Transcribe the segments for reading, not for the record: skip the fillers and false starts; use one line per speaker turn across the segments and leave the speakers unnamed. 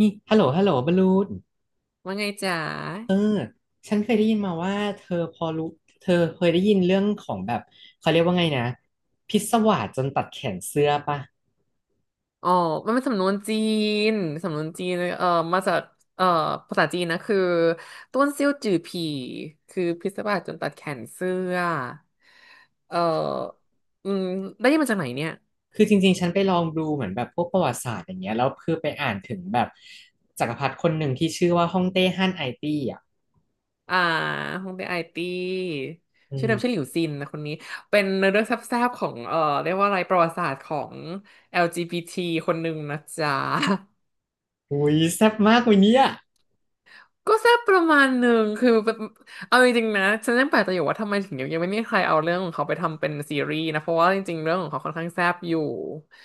นี่ฮัลโหลฮัลโหลบลูน
ว่าไงจ๋า
เออฉันเคยได้ยินมาว่าเธอพอรู้เธอเคยได้ยินเรื่องของแบบเขาเรียกว่าไงนะพิศวาสจนตัดแขนเสื้อปะ
อ๋อมันเป็นสำนวนจีน สำนวนจีนเอ่อมาจากเอ่อภาษาจีนนะคือต้วนเซี่ยวจื่อผีคือพิศวาสจนตัดแขนเสื้อ เอ่ออืม ได้ยินมาจากไหนเนี่ย
คือจริงๆฉันไปลองดูเหมือนแบบพวกประวัติศาสตร์อย่างเงี้ยแล้วคือไปอ่านถึงแบบจักรพรรดิคนหนึ่งที่ชื่อว่าฮ่องเต้ฮั่นไอตี้อ่ะ
อ่าฮงเดไอตี้
อื
ชื่อเดิมชื่อห
ม
ลิวซินนะคนนี้ เป็นเนื้อเรื่องแซ่บๆของเรียกว่าอะไรประวัติศาสตร์ของ LGBT คนหนึ่งนะจ๊ะ
อุ้ยแซ่บมากวันเนี้ย
ก็แซ่บประมาณหนึ่งคือแบบเอาจริงๆนะฉันยังแปลกใจอยู่ว่าทำไมถึงยังไม่มีใครเอาเรื่องของเขาไปทำเป็นซีรีส์นะเพราะว่าจริงๆเรื่องของเขาค่อนข้างแซ่บอยู่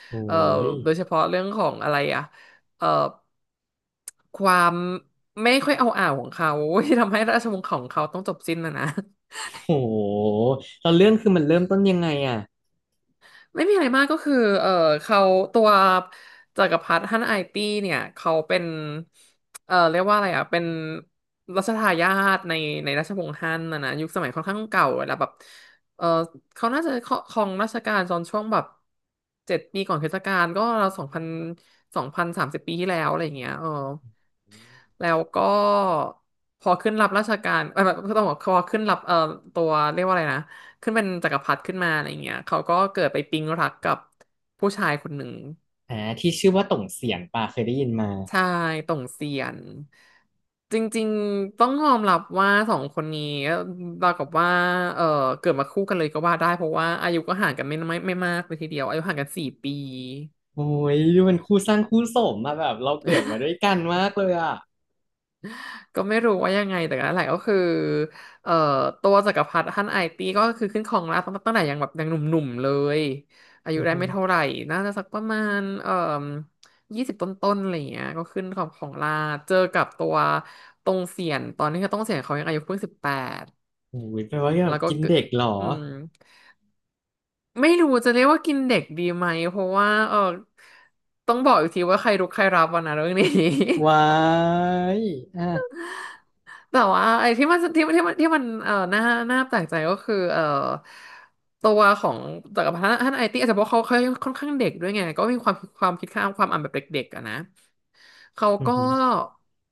โอ้
เอ่อ
ย
โดยเฉพาะเรื่องของอะไรอะเอ่อความไม่ค่อยเอาอ่าวของเขา ที่ทำให้ราชวงศ์ของเขาต้องจบสิ้นนะนะ
โหแล้วเรื่องคือมันเริ่มต้นยังไงอ่ะ
ไม่มีอะไรมากก็คือเออเขาตัวจักรพรรดิฮั่นไอตี้เนี่ยเขาเป็นเออเรียกว่าอะไรอ่ะเป็นรัชทายาทในราชวงศ์ฮั่นนะนะยุคสมัยค่อนข้างเก่าแล้วแบบเออเขาน่าจะครองราชการตอนช่วงแบบ7 ปีก่อนคริสตกาลก็ราวสองพันสามสิบปีที่แล้วอะไรอย่างเงี้ยเออ แล้วก็พอขึ้นรับราชการเอ้ยไม่ต้องบอกพอขึ้นรับตัวเรียกว่าอะไรนะขึ้นเป็นจักรพรรดิขึ้นมาอะไรเงี้ยเขาก็เกิดไปปิ๊งรักกับผู้ชายคนหนึ่ง
อ่าที่ชื่อว่าต่งเสียงปะเคยได้ยินมา
ใชายต่งเซียนจริงๆต้องยอมรับว่าสองคนนี้เราวกับว่าเออเกิดมาคู่กันเลยก็ว่าได้เพราะว่าอายุก็ห่างกันไม่มากเลยทีเดียวอายุห่างกัน4 ปี
โอ้ยดูเป็นคู่สร้างคู่สมมาแบบเราเกิดมาด้วยกันมากเลยอ่ะ
ก็ไม่รู้ว่ายังไงแต่นั่นแหละก็คือเอ่อตัวจักรพรรดิฮั่นไอตี้ก็คือขึ้นครองราชย์ตั้งแต่ยังแบบยังหนุ่มๆเลยอา
อื
ยุ
อ
ได้
หื
ไม่
อ
เท่าไหร่น่าจะสักประมาณ20 ต้นๆอะไรอย่างเงี้ยก็ขึ้นของราชย์เจอกับตัวตรงเสียนตอนนี้ก็ต้องเสียนเขายังอายุเพิ่ง18
โอ้ยแปลว่าแบ
แล้
บ
วก็
กิน
เกิด
เด็กเหรอ
อืมไม่รู้จะเรียกว่ากินเด็กดีไหมเพราะว่าเออต้องบอกอีกทีว่าใครรุกใครรับวันนะเรื่องนี้
ว้ายอ่ะ
แต่ว่าไอ้ที่มันน่าแปลกใจก็คือตัวของจักรพันธ์ท่านไอตี้อาจจะเพราะเขาค่อนข้างเด็กด้วยไงก็มีความคิดข้ามความอ่านแบบเด็กๆอะนะเขา
อือ
ก็
หือ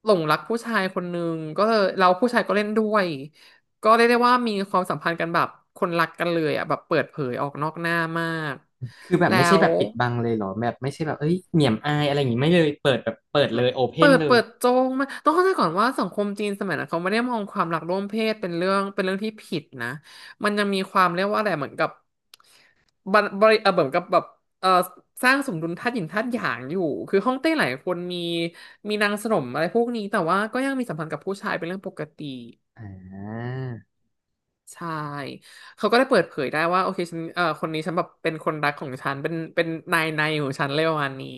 หลงรักผู้ชายคนหนึ่งก็เลยเราผู้ชายก็เล่นด้วยก็เรียกได้ว่ามีความสัมพันธ์กันแบบคนรักกันเลยอะแบบเปิดเผยออกนอกหน้ามาก
คือแบบ
แล้
ไม่ใช่แบ
ว
บปิดบังเลยเหรอแบบไม่ใช่แบบเอ้ยเหนี่ยมอายอะไรอย่างงี้ไม่เลยเปิดแบบเปิดเลยโอเพ
เปิ
น
ด
เลย
เปิดโจงมากต้องเข้าใจก่อนว่าสังคมจีนสมัยนั้นเขาไม่ได้มองความหลากร่วมเพศเป็นเรื่องที่ผิดนะมันยังมีความเรียกว่าอะไรเหมือนกับบันบริเออเหมือนกับแบบเออสร้างสมดุลธาตุหยินธาตุหยางอยู่คือฮ่องเต้หลายคนมีนางสนมอะไรพวกนี้แต่ว่าก็ยังมีสัมพันธ์กับผู้ชายเป็นเรื่องปกติ
อ่า
ใช่เขาก็ได้เปิดเผยได้ว่าโอเคฉันเออคนนี้ฉันแบบเป็นคนรักของฉันเป็นนายในของฉันเลยประมาณนี้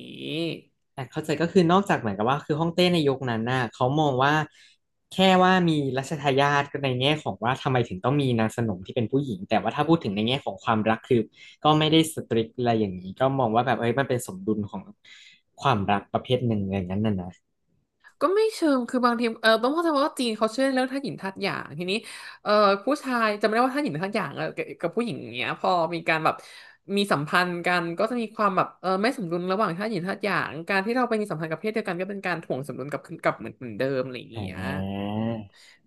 แต่เข้าใจก็คือนอกจากเหมือนกับว่าคือฮ่องเต้ในยุคนั้นน่ะเขามองว่าแค่ว่ามีรัชทายาทก็ในแง่ของว่าทำไมถึงต้องมีนางสนมที่เป็นผู้หญิงแต่ว่าถ้าพูดถึงในแง่ของความรักคือก็ไม่ได้สตริกอะไรอย่างนี้ก็มองว่าแบบเอ้ยมันเป็นสมดุลของความรักประเภทหนึ่งอย่างนั้นน่ะนะ
ก็ไม่เชิงคือบางทีเออต้องเข้าใจว่าจีนเขาเชื่อเรื่องธาตุหยินธาตุหยางทีนี้เออผู้ชายจำไม่ได้ว่าธาตุหยินธาตุหยางเออกับผู้หญิงอย่างเงี้ยพอมีการแบบมีสัมพันธ์กัน ก็จะมีความแบบเออไม่สมดุลระหว่างธาตุหยินธาตุหยางการที่เราไปมีสัมพันธ์กับเพศเดียวกันก็เป็นการถ่วงสมดุลกลับคืนกลับเหมือนเดิมอะไรอย่าง
อ่
เงี้ย
า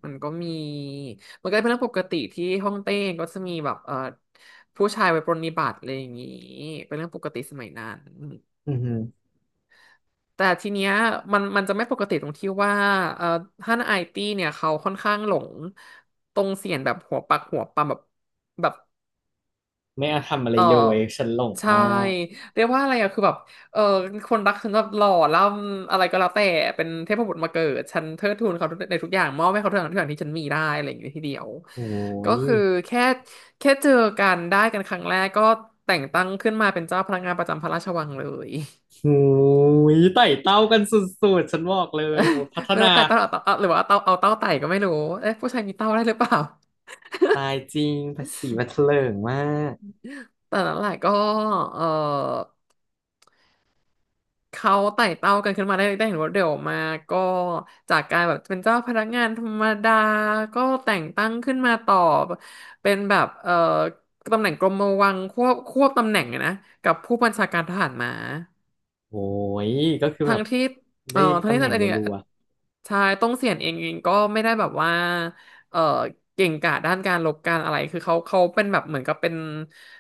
มันก็มี มันก็เป็นเรื่องปกติที่ฮ่องเต้ก็จะมีแบบเออผู้ชายไว้ปรนนิบัติอะไรอย่างงี้เป็นเรื่องปกติสมัยนั้น
อือหือ
แต่ทีเนี้ยมันจะไม่ปกติตรงที่ว่าเอ่อท่านไอตี้เนี่ยเขาค่อนข้างหลงตรงเสียนแบบหัวปักหัวปำแบบ
ไม่เอาทำอะไร
เออ
เลยฉันหลง
ใช่
มาก
เรียกว่าอะไรอะคือแบบเออคนรักฉันแบบหล่อล่ำอะไรก็แล้วแต่เป็นเทพบุตรมาเกิดฉันเทิดทูนเขาในทุกอย่างมอบให้เขาทุกอย่างทุกอย่างที่ฉันมีได้อะไรอย่างเงี้ยทีเดียว
โอ้
ก็
ย
คือแค่แค่เจอกันได้กันครั้งแรกก็แต่งตั้งขึ้นมาเป็นเจ้าพนักงานประจำพระราชวังเลย
โอ้ยไต่เต้ากันสุดๆฉันบอกเลยโอ้ยพัฒ
ไม่
นา
รู้ไต่เต้าหรือาเต้าเอาหรือว่าเอาเต้าเอาเต้าไต่ก็ไม่รู้เอ๊ะผู้ชายมีเต้าได้หรือเปล่า
ตายจริงภาษีบัตรเถลิงมาก
แต่นั้นแหละก็เออเขาไต่เต้ากันขึ้นมาได้เห็นว่าเดี๋ยวมาก็จากการแบบเป็นเจ้าพนักงานธรรมดาก็แต่งตั้งขึ้นมาต่อเป็นแบบตำแหน่งกรมวังควบตำแหน่งอะนะกับผู้บัญชาการทหารม้า
โอ้ยก็คือแบ
ทั้ง
บ
ที่
ได้
ทั้ง
ตำ
ที่
แหน่
ท่า
ง
นเองเนี่
รั
ย
ว
ชายต้องเสียนเองก็ไม่ได้แบบว่าเอ่อเก่งกาจด้านการลบการอะไรคือเขาเป็นแบบเหมือนกับเป็น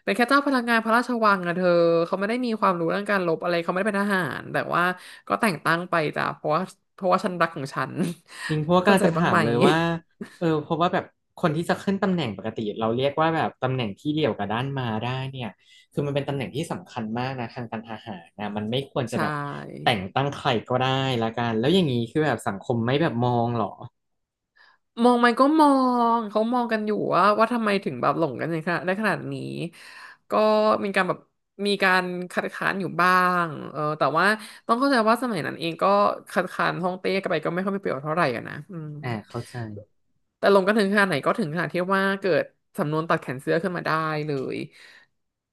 เป็นแค่เจ้าพลังงานพระราชวังอะเธอเขาไม่ได้มีความรู้เรื่องการลบอะไรเขาไม่ได้เป็นทหารแต่ว่าก็แต่งตั้งไปจ้ะเพราะว่าฉันรักของฉัน
ๆจริงเพราะว่า กำ
เข้า
ลัง
ใจ
จะ
บ้าง
ถาม
ไหม
เลยว่าเออเพราะว่าแบบคนที่จะขึ้นตำแหน่งปกติเราเรียกว่าแบบตำแหน่งที่เดี่ยวกับด้านมาได้เนี่ยคือมันเป็นตำแหน่งที่สำคัญมากนะทางการทหารนะมันไม่ควรจะ
ใช
แบบ
่
แต่งตั้งใครก็ได้ละกันแล้วอย่างนี้คือแบบสังคมไม่แบบมองเหรอ
มองไหมก็มองเขามองกันอยู่ว่าทำไมถึงแบบหลงกันในขนาดได้ขนาดนี้ก็มีการแบบมีการคัดค้านอยู่บ้างเออแต่ว่าต้องเข้าใจว่าสมัยนั้นเองก็คัดค้านฮ่องเต้กันไปก็ไม่ค่อยมีประโยชน์เท่าไหร่อะนะอืม
อ่าเข้าใจ
แต่ลงกันถึงขนาดไหนก็ถึงขนาดที่ว่าเกิดสำนวนตัดแขนเสื้อขึ้นมาได้เลย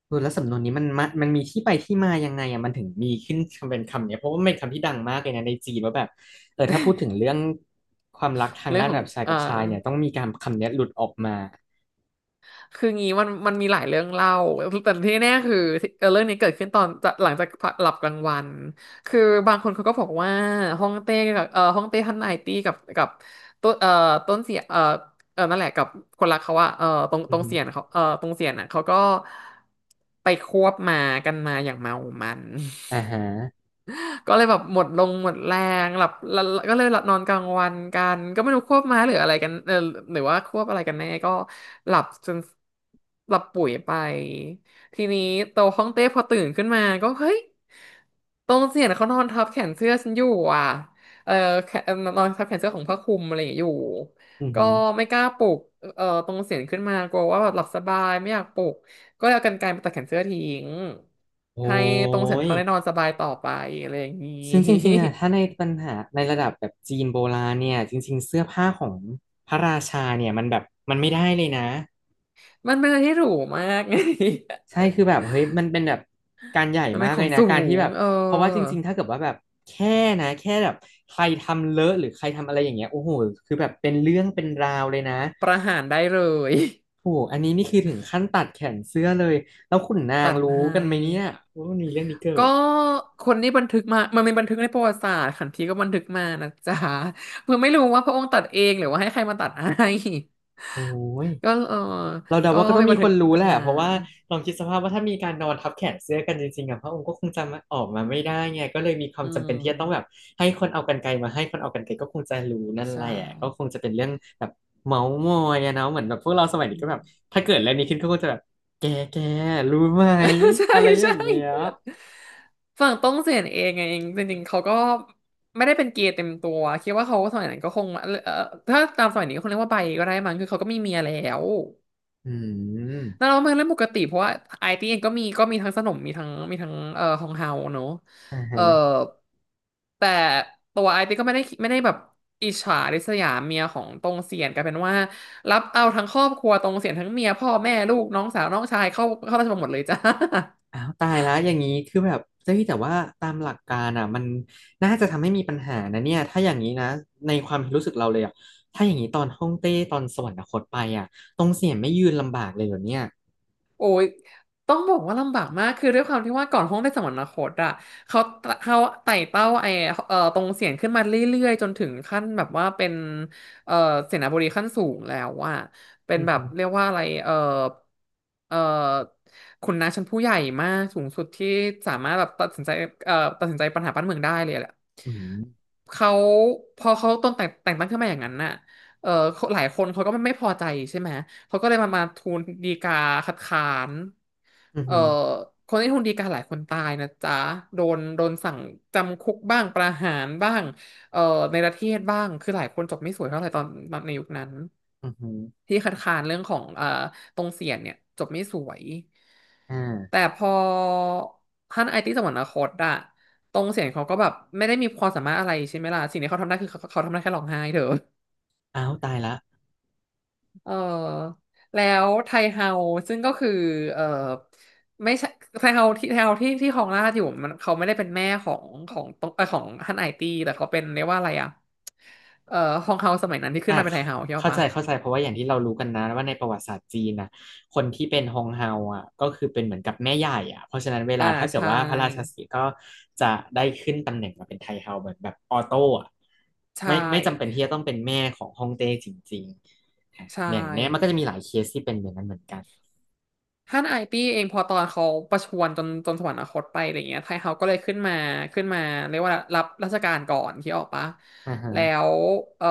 เออแล้วสำนวนนี้มันมามันมีที่ไปที่มายังไงอ่ะมันถึงมีขึ้นเป็นคำเนี้ยเพราะว่ามันเป็นคำที่ดังมากเลยนะในจีนว่าแบบเออถ้าพูดถึงเรื่องความรักทาง
เรื่อง
ด้าน
ขอ
แบ
ง
บชาย
เอ่
กั
อ
บชายเนี่ยต้องมีการคำเนี้ยหลุดออกมา
คืองี้มันมีหลายเรื่องเล่าแต่ที่แน่คือเรื่องนี้เกิดขึ้นตอนจะหลังจากหลับกลางวัน คือบางคนเขาก็บอกว่าฮ่องเต้กับฮ่องเต้ท่านนายตี้กับต้นต้นเสียเออนั่นแหละกับคนรักเขาอะเออตรง
อื
ต
อ
รง
ฮึ
เสียนเขาเออตรงเสียนอะเขาก็ไปควบมากันมาอย่างเมามัน
อ่าฮะ
ก็เลยแบบหมดลงหมดแรงหลับล้ก็เลยหลับนอนกลางวันกันก็ไม่รู้ควบม้าหรืออะไรกันเออหรือว่าควบอะไรกันแน่ก็หลับจนหลับปุ๋ยไปทีนี้โตห้องเต้พอตื่นขึ้นมาก็เฮ้ยตรงเสียนเขานอนทับแขนเสื้อฉันอยู่อ่ะเออแขนนอนทับแขนเสื้อของผ้าคลุมอะไรอย่างเงี้ยอยู่
อือ
ก็
ฮึ
ไม่กล้าปลุกเออตรงเสียงขึ้นมากลัวว่าแบบหลับสบายไม่อยากปลุก ก็เอากรรไกรมาตัดแขนเสื้อทิ้ง
โอ้
ให้ตรงเซ็นท
ย
รัลได้นอนสบายต่อไปอะไรอย่างนี้
ซึ่งจริงๆอ่ะถ้าใน ปัญหาในระดับแบบจีนโบราณเนี่ยจริงๆเสื้อผ้าของพระราชาเนี่ยมันแบบมันไม่ได้เลยนะ
มันเป็นอะไรที่หรูมากไง
ใช่คือแบบเฮ้ยมันเป็นแบบการใหญ่
มันเป็
มา
น
ก
ข
เล
อง
ยนะ
สู
การที่
ง
แบบเพราะว่าจริงๆ ถ้าเกิดว่าแบบแค่นะแค่แบบใครทำเลอะหรือใครทำอะไรอย่างเงี้ยโอ้โหคือแบบเป็นเรื่องเป็นราวเลยนะ
ประหารได้เลย
โอ้ โหอันนี้นี่คือถึงขั้นตัดแขนเสื้อเลยแล้วขุนนา
ตั
ง
ด
รู้
ให้
กันไหมเนี่ยว่ามันมีเรื่องนี้เกิ
ก็
ด
คนนี้บันทึกมามันเป็นบันทึกในประวัติศาสตร์ขันทีก็บันทึกมานะจ๊ะ เพื่อไม่รู้ว่าพระองค์ตัดเองหรือว่าให้ใครมาตัดให้
โอ้ย
ก็เออ
เราเดา
ก็
ว่าก็ต้อ
มี
งมี
บัน
ค
ทึก
นรู้
กั
แห
น
ละ
มา
เพราะว่าลองคิดสภาพว่าถ้ามีการนอนทับแขนเสื้อกันจริงๆอะพระองค์ก็คงจะมาออกมาไม่ได้ไงก็เลยมีควา
อื
มจำเป็นที่จะต้องแบบ
ม
ให้คนเอากรรไกรมาให้คนเอากรรไกรก็คงจะรู้นั่นแห
ใช่
ละก็คงจะเป็นเรื่องแบบเมาส์มอยอะเนาะเหมือนแบบพวกเราสมัย
อื
นี้ก็
ม
แบบถ้าเกิดอะไรนี้ขึ้นก็คงจะแบบแกแกรู้ไหม
ใช่
อะไรอ
ใช่
ย่างเงี้ย
ฝั่งต้องเสียนเองไงจริงๆเขาก็ไม่ได้เป็นเกย์เต็มตัวคิดว่าเขาสมัยนั้นก็คงเอ่อถ้าตามสมัยนี้ก็คงเรียกว่าไบก็ได้มั้งคือเขาก็มีเมียแล้ว
อื
นั่น
ม
เราเปนเรื่องปกติเพราะว่าไอตีเองก็มีก็มีทั้งสนมมีทั้งมีทั้งฮองเฮาเนอะ
อ่าฮะ
เอ่อแต่ตัวไอตีก็ไม่ได้แบบอิจฉาริษยาเมียของตรงเสียนกลายเป็นว่ารับเอาทั้งครอบครัวตรงเสียนทั้งเมียพ่อแม่ลูกน้องสาวน้องชายเข้าราชบัลลังก์หมดเลยจ้า
อ้าวตายแล้วอย่างนี้คือแบบเจ้ยแต่ว่าตามหลักการอ่ะมันน่าจะทำให้มีปัญหานะเนี่ยถ้าอย่างนี้นะในความรู้สึกเราเลยอ่ะถ้าอย่างนี้ตอนฮ่องเต้ตอนสวรรคตไปอ่ะตรงเสียนไม่ยืนลำบากเลยเหรอเนี่ย
โอ้ย ต้องบอกว่าลำบากมาก คือด้วยความที่ว่าก่อนห้องได้สมรรถคตอะเขาเขาไต่เต้าไอตรงเสียงขึ้นมาเรื่อยๆ จนถึงขั้นแบบว่าเป็นเอ่อเสนาบดีขั้นสูงแล้วอะเป็น
อือ
แบบ
หือ
เรียกว่าอะไรเอ่อขุนนางชั้นผู้ใหญ่มากสูงสุดที่สามารถแบบตัดสินใจเอ่อตัดสินใจปัญหาบ้านเมืองได้เลยแหละ
อืม
เขาพอเขาต้นแต่งแต่งตั้งขึ้นมาอย่างนั้นน่ะเออหลายคนเขาก็ไม่พอใจใช่ไหม เขาก็เลยมาทูลฎีกาคัดค้าน
อ
เอ่อ
หืม
คนที่ทูลฎีกาหลายคนตายนะจ๊ะโดนสั่งจำคุกบ้างประหารบ้างเอ่อในประเทศบ้างคือหลายคนจบไม่สวยเท่าไหร่ตอนในยุคนั้น
ออือหืออือหือ
ที่คัดค้านเรื่องของตรงเสียนเนี่ยจบไม่สวย
อ่า
แต่พอท่านไอติสวรรคตอะตรงเสียนเขาก็แบบไม่ได้มีความสามารถอะไรใช่ไหมล่ะสิ่งที่เขาทำได้คือเขาทำได้แค่ร้องไห้เถอะ
อ้าวตายละ
เออแล้วไทเฮาซึ่งก็คือเออไม่ใช่ไทเฮาที่ไทเฮาที่ครองราชอยู่มันเขาไม่ได้เป็นแม่ของของตรงเออของฮั่นไอตี้แต่เขาเป็นเรียกว่าอะไรอ่ะเออฮองเฮาสมัยนั้นที่ขึ้
อ่ะ
นมาเป็นไทเฮาใช่
เข้าใจ
ปะ
เข้าใจเพราะว่าอย่างที่เรารู้กันนะว่าในประวัติศาสตร์จีนนะคนที่เป็นฮงเฮาอ่ะก็คือเป็นเหมือนกับแม่ใหญ่อ่ะเพราะฉะนั้นเว
อ่า
ลาถ้าเกิด
ใช่
ว่าพระราชสีห์ก็จะได้ขึ้นตำแหน่งมาเป็นไทเฮาเหมือนแบบออโต้อ่ะ
ใช่
ไม่จำเป็นที่จะต้องเป็นแม่ของฮองเต้จริงๆอ่ะ
ใช่
อย่างเนี้ยมันก็จะมีหลายเคสที่เป็นอย่างนั้นเหมือนกัน
ท่านไอตี้เองพอตอนเขาประชวรจนสวรรคตไปอะไรเงี้ยไทเฮาก็เลยขึ้นมาขึ้นมาเรียกว่ารับราชการก่อนที่ออกปะ
อ่าฮะ
แล้วเออ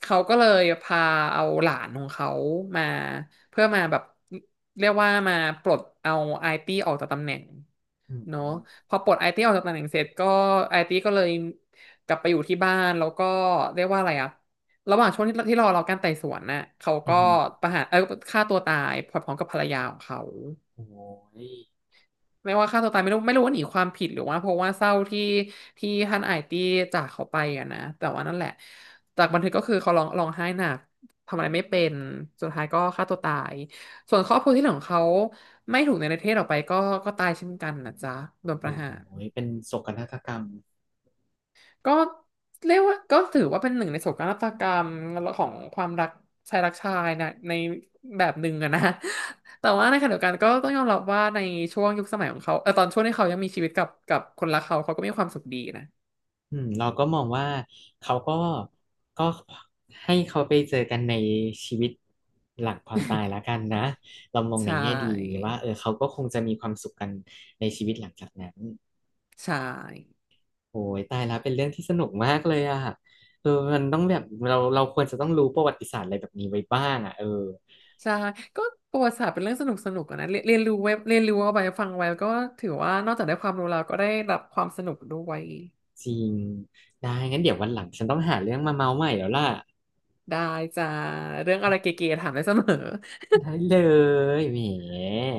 เขาก็เลยพาเอาหลานของเขามาเพื่อมาแบบเรียกว่ามาปลดเอาไอตี้ออกจากตำแหน่ง
อืม
เนาะพอปลดไอตีออกจากตำแหน่งเสร็จก็ไอตีก็เลยกลับไปอยู่ที่บ้านแล้วก็เรียกว่าอะไรอะระหว่างช่วงที่รอเราการไต่สวนน่ะเขา
อื
ก็
ม
ประหารฆ่าตัวตายพร้อมกับภรรยาของเขา
โอ้ย
ไม่ว่าฆ่าตัวตายไม่รู้ว่าหนีความผิดหรือว่าเพราะว่าเศร้าที่ท่านไอตีจากเขาไปอะนะแต่ว่านั่นแหละจากบันทึกก็คือเขาร้องร้องไห้หนักทำอะไรไม่เป็นสุดท้ายก็ฆ่าตัวตายส่วนครอบครัวที่เหลือของเขาไม่ถูกในประเทศออกไปก็ก็ตายเช่นกันนะจ๊ะโดน
โ
ประหาร
อ้ยเป็นโศกนาฏกรรม
ก็เรียกว่าก็ถือว่าเป็นหนึ่งในโศกนาฏกรรมของความรักชายรักชายนะในแบบหนึ่งอะนะ แต่ว่าในขณะเดียวกันก็ต้องยอมรับว่าในช่วงยุคสมัยของเขาเออตอนช่วงที่เขายังมีชีวิตกับคนรักเขาเขาก็มีความสุขดีนะ
อืมเราก็มองว่าเขาก็ก็ให้เขาไปเจอกันในชีวิตหลังความตายแล้ว กันนะเรามองใน
ใช่
แง่ดีว่าเออเขาก็คงจะมีความสุขกันในชีวิตหลังจากนั้น
ใช่
โอ้ยตายแล้วเป็นเรื่องที่สนุกมากเลยอ่ะเออมันต้องแบบเราควรจะต้องรู้ประวัติศาสตร์อะไรแบบนี้ไว้บ้างอ่ะเออ
ใช่ก็ประวัติศาสตร์เป็นเรื่องสนุกอะนะเรียนเรียนรู้ไว้เรียนรู้เอาไปฟังไว้ก็ถือว่านอกจากได้ความรู้แล้วก็ได้รับความสนุกด้วย
จริงได้งั้นเดี๋ยววันหลังฉันต้องหาเรื่องมาเมาใหม่แล้วล่ะ
ได้จ้าเรื่องอะไรเก๋ๆถามได้เสมอ
ได้เลยแหม